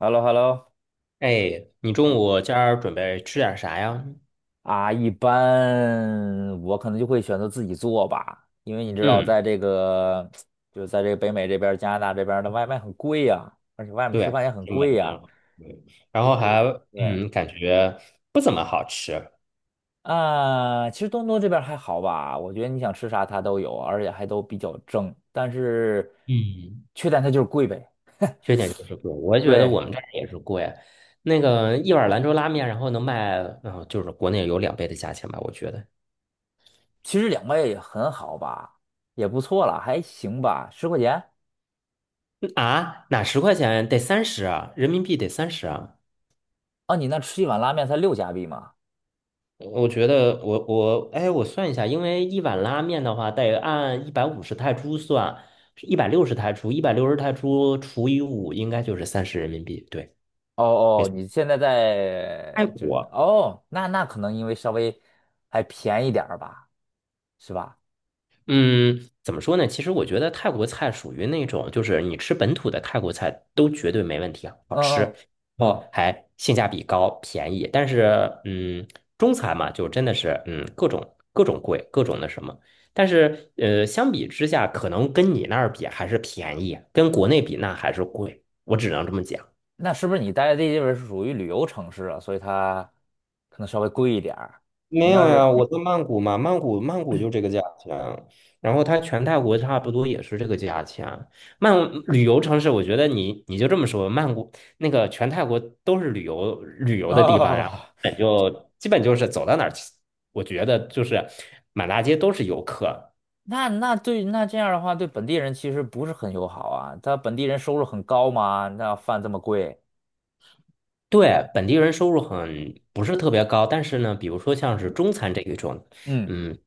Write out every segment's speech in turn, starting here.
h e l l o h e l l o 哎，你哎，中午今儿准备吃点啥呀？啊，一般我可能就会选择自己做吧，因为你知道，嗯，在这个北美这边儿加拿大这边儿的外卖很贵呀、而且外面吃对，饭也很挺没贵呀、面对，然后还对感觉不怎么好吃。啊，其实多伦多这边儿还好吧，我觉得你想吃啥它都有，而且还都比较正，但是嗯，缺点它就是贵呗。缺点就是贵，我觉得对，我们这儿也是贵。那个一碗兰州拉面，然后能卖，就是国内有两倍的价钱吧，我觉得。其实两位也很好吧，也不错了，还行吧，十块钱。哪10块钱得三十啊，人民币得三十啊。啊，你那吃一碗拉面才6加币吗？我觉得我算一下，因为一碗拉面的话，得按150泰铢算，一百六十泰铢，一百六十泰铢除以五，应该就是30人民币。对，哦没哦，错。你现在泰在就是国，哦，那可能因为稍微还便宜点儿吧，是吧？嗯，怎么说呢？其实我觉得泰国菜属于那种，就是你吃本土的泰国菜都绝对没问题啊，好嗯吃，嗯然后嗯，还性价比高，便宜。但是，中餐嘛，就真的是，各种各种贵，各种那什么。但是，相比之下，可能跟你那儿比还是便宜，跟国内比那还是贵。我只能这么讲。那是不是你待的这地方是属于旅游城市啊？所以它可能稍微贵一点儿。没你要有呀，是我在曼谷嘛，曼谷就这个价钱，然后它全泰国差不多也是这个价钱。曼旅游城市，我觉得你就这么说，曼谷那个全泰国都是旅游的地方，哦，然后基本就是走到哪儿，我觉得就是满大街都是游客。那这样的话，对本地人其实不是很友好啊。他本地人收入很高嘛，那饭这么贵，对，本地人收入很不是特别高，但是呢，比如说像是中餐这一种，嗯嗯，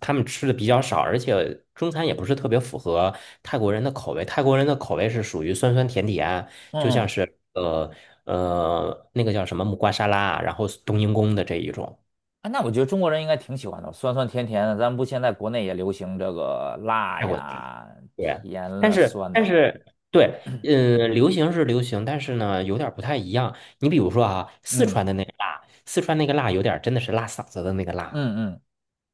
他们吃的比较少，而且中餐也不是特别符合泰国人的口味。泰国人的口味是属于酸酸甜甜，嗯就像嗯是那个叫什么木瓜沙拉，然后冬阴功的这一种啊，那我觉得中国人应该挺喜欢的，酸酸甜甜的。咱们不现在国内也流行这个辣泰国菜。呀、对，甜但了、是酸但的，是对，流行是流行，但是呢，有点儿不太一样。你比如说啊，四嗯川的那个辣，四川那个辣有点儿真的是辣嗓子的那个辣。嗯嗯，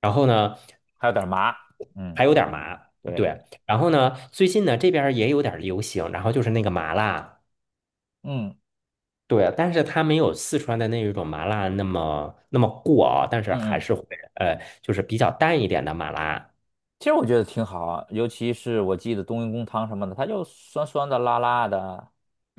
然后呢，还有点麻，嗯，还有点对麻，对，对。然后呢，最近呢这边儿也有点儿流行，然后就是那个麻辣，嗯对，但是它没有四川的那一种麻辣那么那么过啊，但是嗯还是嗯。会就是比较淡一点的麻辣。其实我觉得挺好啊，尤其是我记得冬阴功汤什么的，它就酸酸的、辣辣的，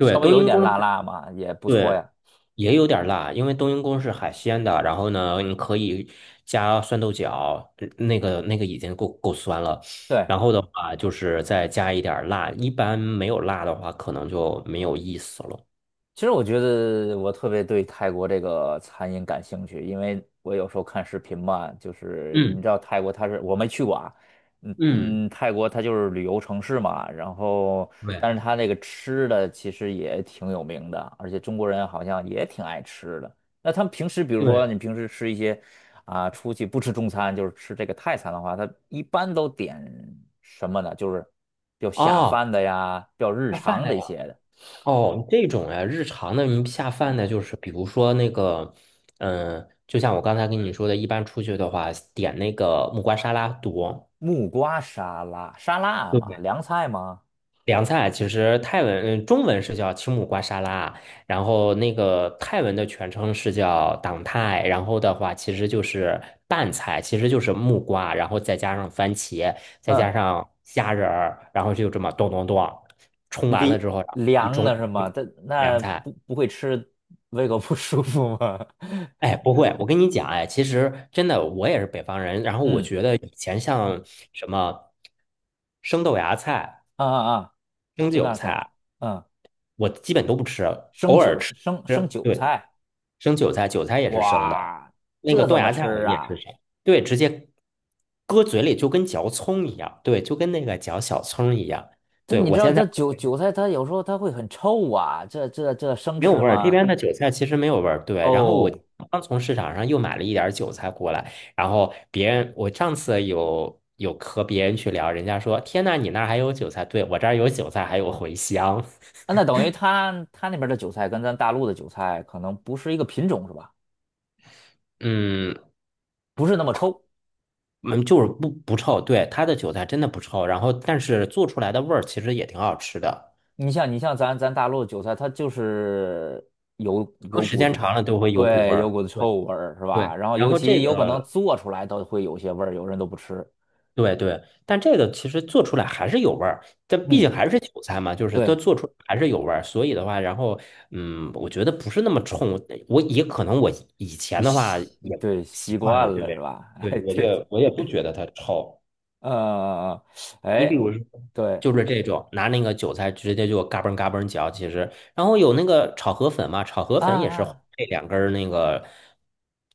稍微冬有一阴点功辣是辣嘛，也不错对，呀。也有点儿辣，因为冬阴功是海鲜的。然后呢，你可以加酸豆角，那个那个已经够酸了。对，然后的话，就是再加一点儿辣。一般没有辣的话，可能就没有意思了。其实我觉得我特别对泰国这个餐饮感兴趣，因为我有时候看视频嘛，就是你嗯知道泰国它是我没去过啊，嗯嗯，嗯，泰国它就是旅游城市嘛，然后但对是它那个吃的其实也挺有名的，而且中国人好像也挺爱吃的。那他们平时比如说对。你平时吃一些啊，出去不吃中餐，就是吃这个泰餐的话，他一般都点什么呢？就是比较下饭哦，的呀，比较日下饭常的的一呀。些的。哦，这种呀，日常的你下饭的，就是比如说那个，就像我刚才跟你说的，一般出去的话，点那个木瓜沙拉多。木瓜沙拉，沙拉对不嘛，对？凉菜嘛，凉菜其实泰文，中文是叫青木瓜沙拉，然后那个泰文的全称是叫党泰，然后的话其实就是拌菜，其实就是木瓜，然后再加上番茄，再加嗯，上虾仁儿，然后就这么咚咚咚冲完凉了之后，然后一凉盅的是吗？一这凉那菜。不会吃，胃口不舒服吗？哎，不会，我跟你讲，哎，其实真的我也是北方人，然 后我嗯，觉得以前像什么生豆芽菜、啊啊啊，生酸韭辣菜，菜。嗯，我基本都不吃，生偶尔韭吃。生生吃，韭对，菜，生韭菜，韭菜也是生的，哇，那个这豆怎么芽菜我吃们也是啊？生，对，直接搁嘴里就跟嚼葱一样，对，就跟那个嚼小葱一样。这对，你知我道现在这韭菜它有时候它会很臭啊，这生没有吃味儿，这吗？边的韭菜其实没有味儿。对，然后我哦，刚从市场上又买了一点儿韭菜过来，然后别人我上次有和别人去聊，人家说："天呐，你那儿还有韭菜？"对，我这儿有韭菜，还有茴香。啊那等于它它那边的韭菜跟咱大陆的韭菜可能不是一个品种是吧？嗯，不是那么臭。嗯，就是不臭，对，它的韭菜真的不臭，然后但是做出来的味儿其实也挺好吃的，你像你像咱咱大陆的韭菜，它就是有搁有时股间子，长了都会有股味对，有儿。股子对臭味儿，是吧？对，然后然尤后其这有可能个做出来都会有些味儿，有人都不吃。对对，但这个其实做出来还是有味儿，这毕嗯，竟还是韭菜嘛，就是它对，做出来还是有味儿，所以的话，然后我觉得不是那么冲，我也可能我以你前的话习也对习习惯惯了，了是对吧？对，哎，我觉对，得我也不觉得它臭。呃，嗯嗯你比哎，如我说。对就是这种，拿那个韭菜直接就嘎嘣嘎嘣嚼，其实，然后有那个炒河粉嘛，炒河啊粉也是啊，配两根儿那个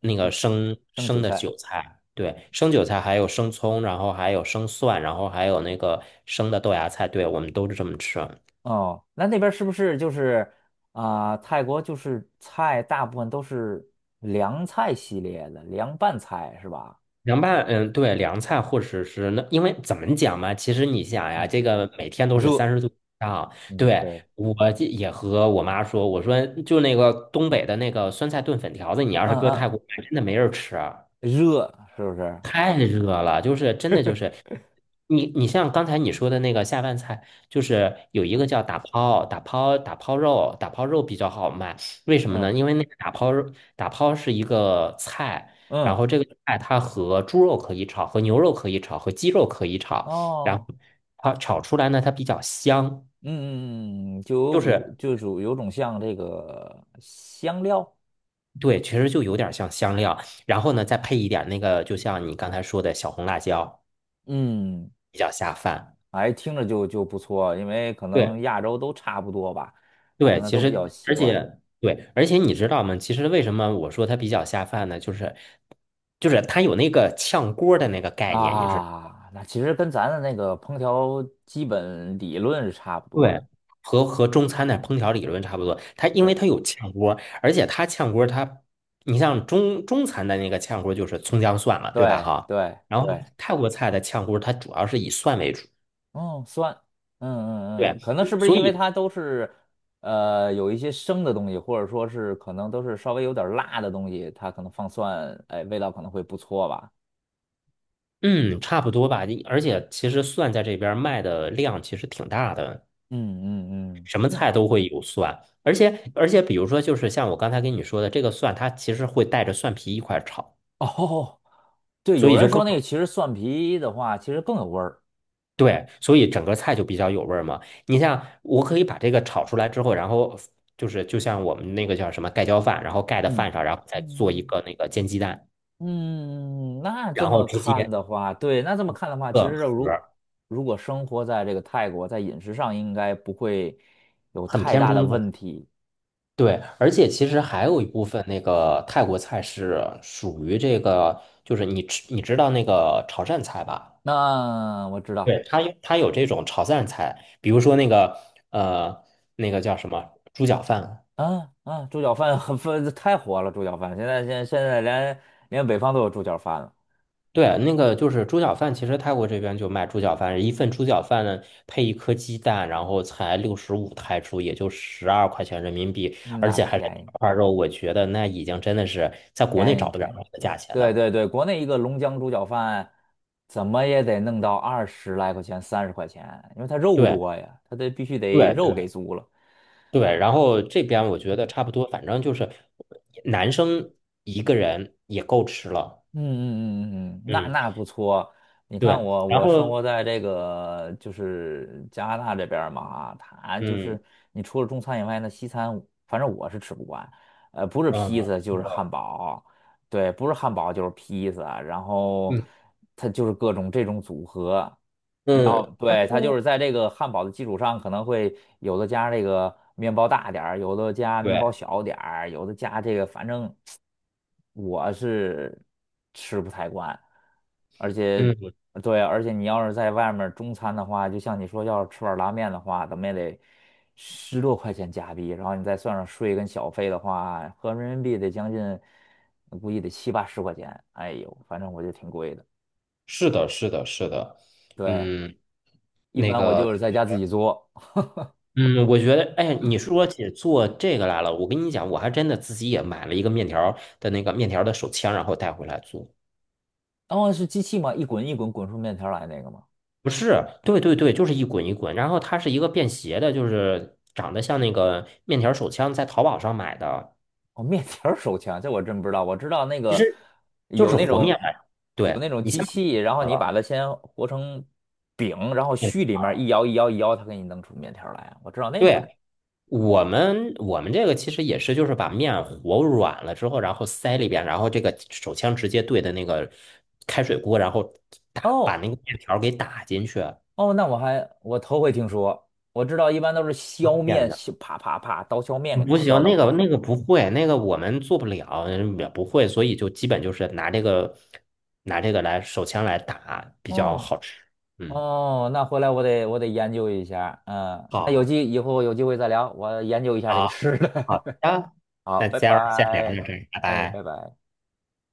那个生生生韭生的菜韭菜，对，生韭菜还有生葱，然后还有生蒜，然后还有那个生的豆芽菜，对，我们都是这么吃啊。哦，那那边儿是不是就是啊、泰国就是菜大部分都是凉菜系列的，凉拌菜是吧？凉拌，嗯，对，凉菜或者是那，因为怎么讲嘛，其实你想呀，嗯，这个每天都是热。30度以上，嗯，对，对。我这也和我妈说，我说就那个东北的那个酸菜炖粉条子，你要是嗯搁泰嗯，国买，真的没人吃啊。热是不是？太热了，就是真的就是你像刚才你说的那个下饭菜，就是有一个叫嗯打抛肉，打抛肉比较好卖，为什么呢？嗯因为那个打抛肉打抛是一个菜，然嗯后这个菜它和猪肉可以炒，和牛肉可以炒，和鸡肉可以炒，然后哦，它炒出来呢，它比较香，嗯嗯嗯，就有就股是就属有种像这个香料，对，其实就有点像香料，然后呢再配一点那个，就像你刚才说的小红辣椒，嗯，比较下饭。哎，听着就不错，因为可能对。亚洲都差不多吧，可对，能其都比实较习而惯且对，而且你知道吗？其实为什么我说它比较下饭呢？就是它有那个炝锅儿的那个概念，你是啊。那其实跟咱的那个烹调基本理论是差不多对，的，和中餐的烹调理论差不多。它因为它对有炝锅儿，而且它炝锅儿它，你像中餐的那个炝锅儿就是葱姜蒜了，对吧？对哈，对然后对泰国菜的炝锅儿它主要是以蒜为主，哦，酸，嗯嗯嗯，对，可能是不是所因为以它都是，呃，有一些生的东西，或者说是可能都是稍微有点儿辣的东西，它可能放蒜，哎，味道可能会不错吧。嗯，差不多吧。而且其实蒜在这边儿卖的量其实挺大的。嗯嗯嗯，什么那菜都会有蒜，而且，比如说，就是像我刚才跟你说的，这个蒜它其实会带着蒜皮一块儿炒，哦，对，所有以就人更说那个其实蒜皮的话，其实更有味儿。对，所以整个菜就比较有味儿嘛。你像我可以把这个炒出来之后，然后就是就像我们那个叫什么盖浇饭，然后盖的嗯饭上，然后再做一嗯个那个煎鸡蛋，嗯，那这然后么直看接的话，对，那这么看的话，其个实盒如儿，如果生活在这个泰国，在饮食上应该不会有很太偏大的中问的。题。对，而且其实还有一部分那个泰国菜是属于这个，就是你吃你知道那个潮汕菜吧？那我知道对，它有它有这种炒汕菜，比如说那个呃那个叫什么猪脚饭，啊啊，猪脚饭很分太火了，猪脚饭现在连北方都有猪脚饭了，对，那个就是猪脚饭，其实泰国这边就卖猪脚饭，一份猪脚饭呢配一颗鸡蛋，然后才65泰铢，也就12块钱人民币，嗯而那且还是两便宜块肉，我觉得那已经真的是在国内便宜找不了便宜，这个价钱对的。对对，国内一个龙江猪脚饭怎么也得弄到20来块钱30块钱，因为它肉对多呀，它得必须得对肉对给足了。对，然后这边我觉得差不多，反正就是男生一个人也够吃了，嗯嗯嗯嗯，嗯，那嗯，那不错。你看对，我，然我生活后在这个就是加拿大这边儿嘛，它就嗯。是你除了中餐以外呢，西餐反正我是吃不惯，呃，不是嗯，披嗯萨就是汉堡，对，不是汉堡就是披萨，然后嗯，它就是各种这种组合，然后嗯，然对，它就是后在这个汉堡的基础上，可能会有的加这个面包大点儿，有的加面包对，小点儿，有的加这个，反正我是吃不太惯。而且，嗯，对，而且你要是在外面儿中餐的话，就像你说，要是吃碗拉面的话，怎么也得10多块钱加币，然后你再算上税跟小费的话，合人民币得将近，估计得七八十块钱。哎呦，反正我觉得挺贵的。是的，是的，是的，对，嗯，一那般我个，就是在家自己做。嗯，我觉得，哎，你说起做这个来了，我跟你讲，我还真的自己也买了一个面条儿的那个面条儿的手枪，然后带回来做。哦，是机器吗？一滚一滚滚出面条儿来那个吗？不是，对对对，就是一滚一滚，然后它是一个便携的，就是长得像那个面条手枪，在淘宝上买的，哦，面条儿手枪，这我真不知道。我知道那其个实就有是那和面种来着有对，那种机器，然后好你把了，它先和成饼，然后嗯，虚里面儿一摇一摇一摇，它给你弄出面条儿来啊。我知道那种。对，我们这个其实也是，就是把面和软了之后，然后塞里边，然后这个手枪直接对的那个开水锅，然后打把哦那个面条儿给打进去啊，哦，那我还头回听说。我知道一般都是削这样面，的。削啪啪啪刀削面给它不削行，到那过个来。那个不会，那个我们做不了，也不会，所以就基本就是拿这个来手枪来打比较哦好吃。嗯，哦，那回来我得研究一下。嗯，那好，以后有机会再聊，我研究一下这个好，吃好的。的，好，那拜今儿先聊到拜，这儿，拜哎，拜。拜拜。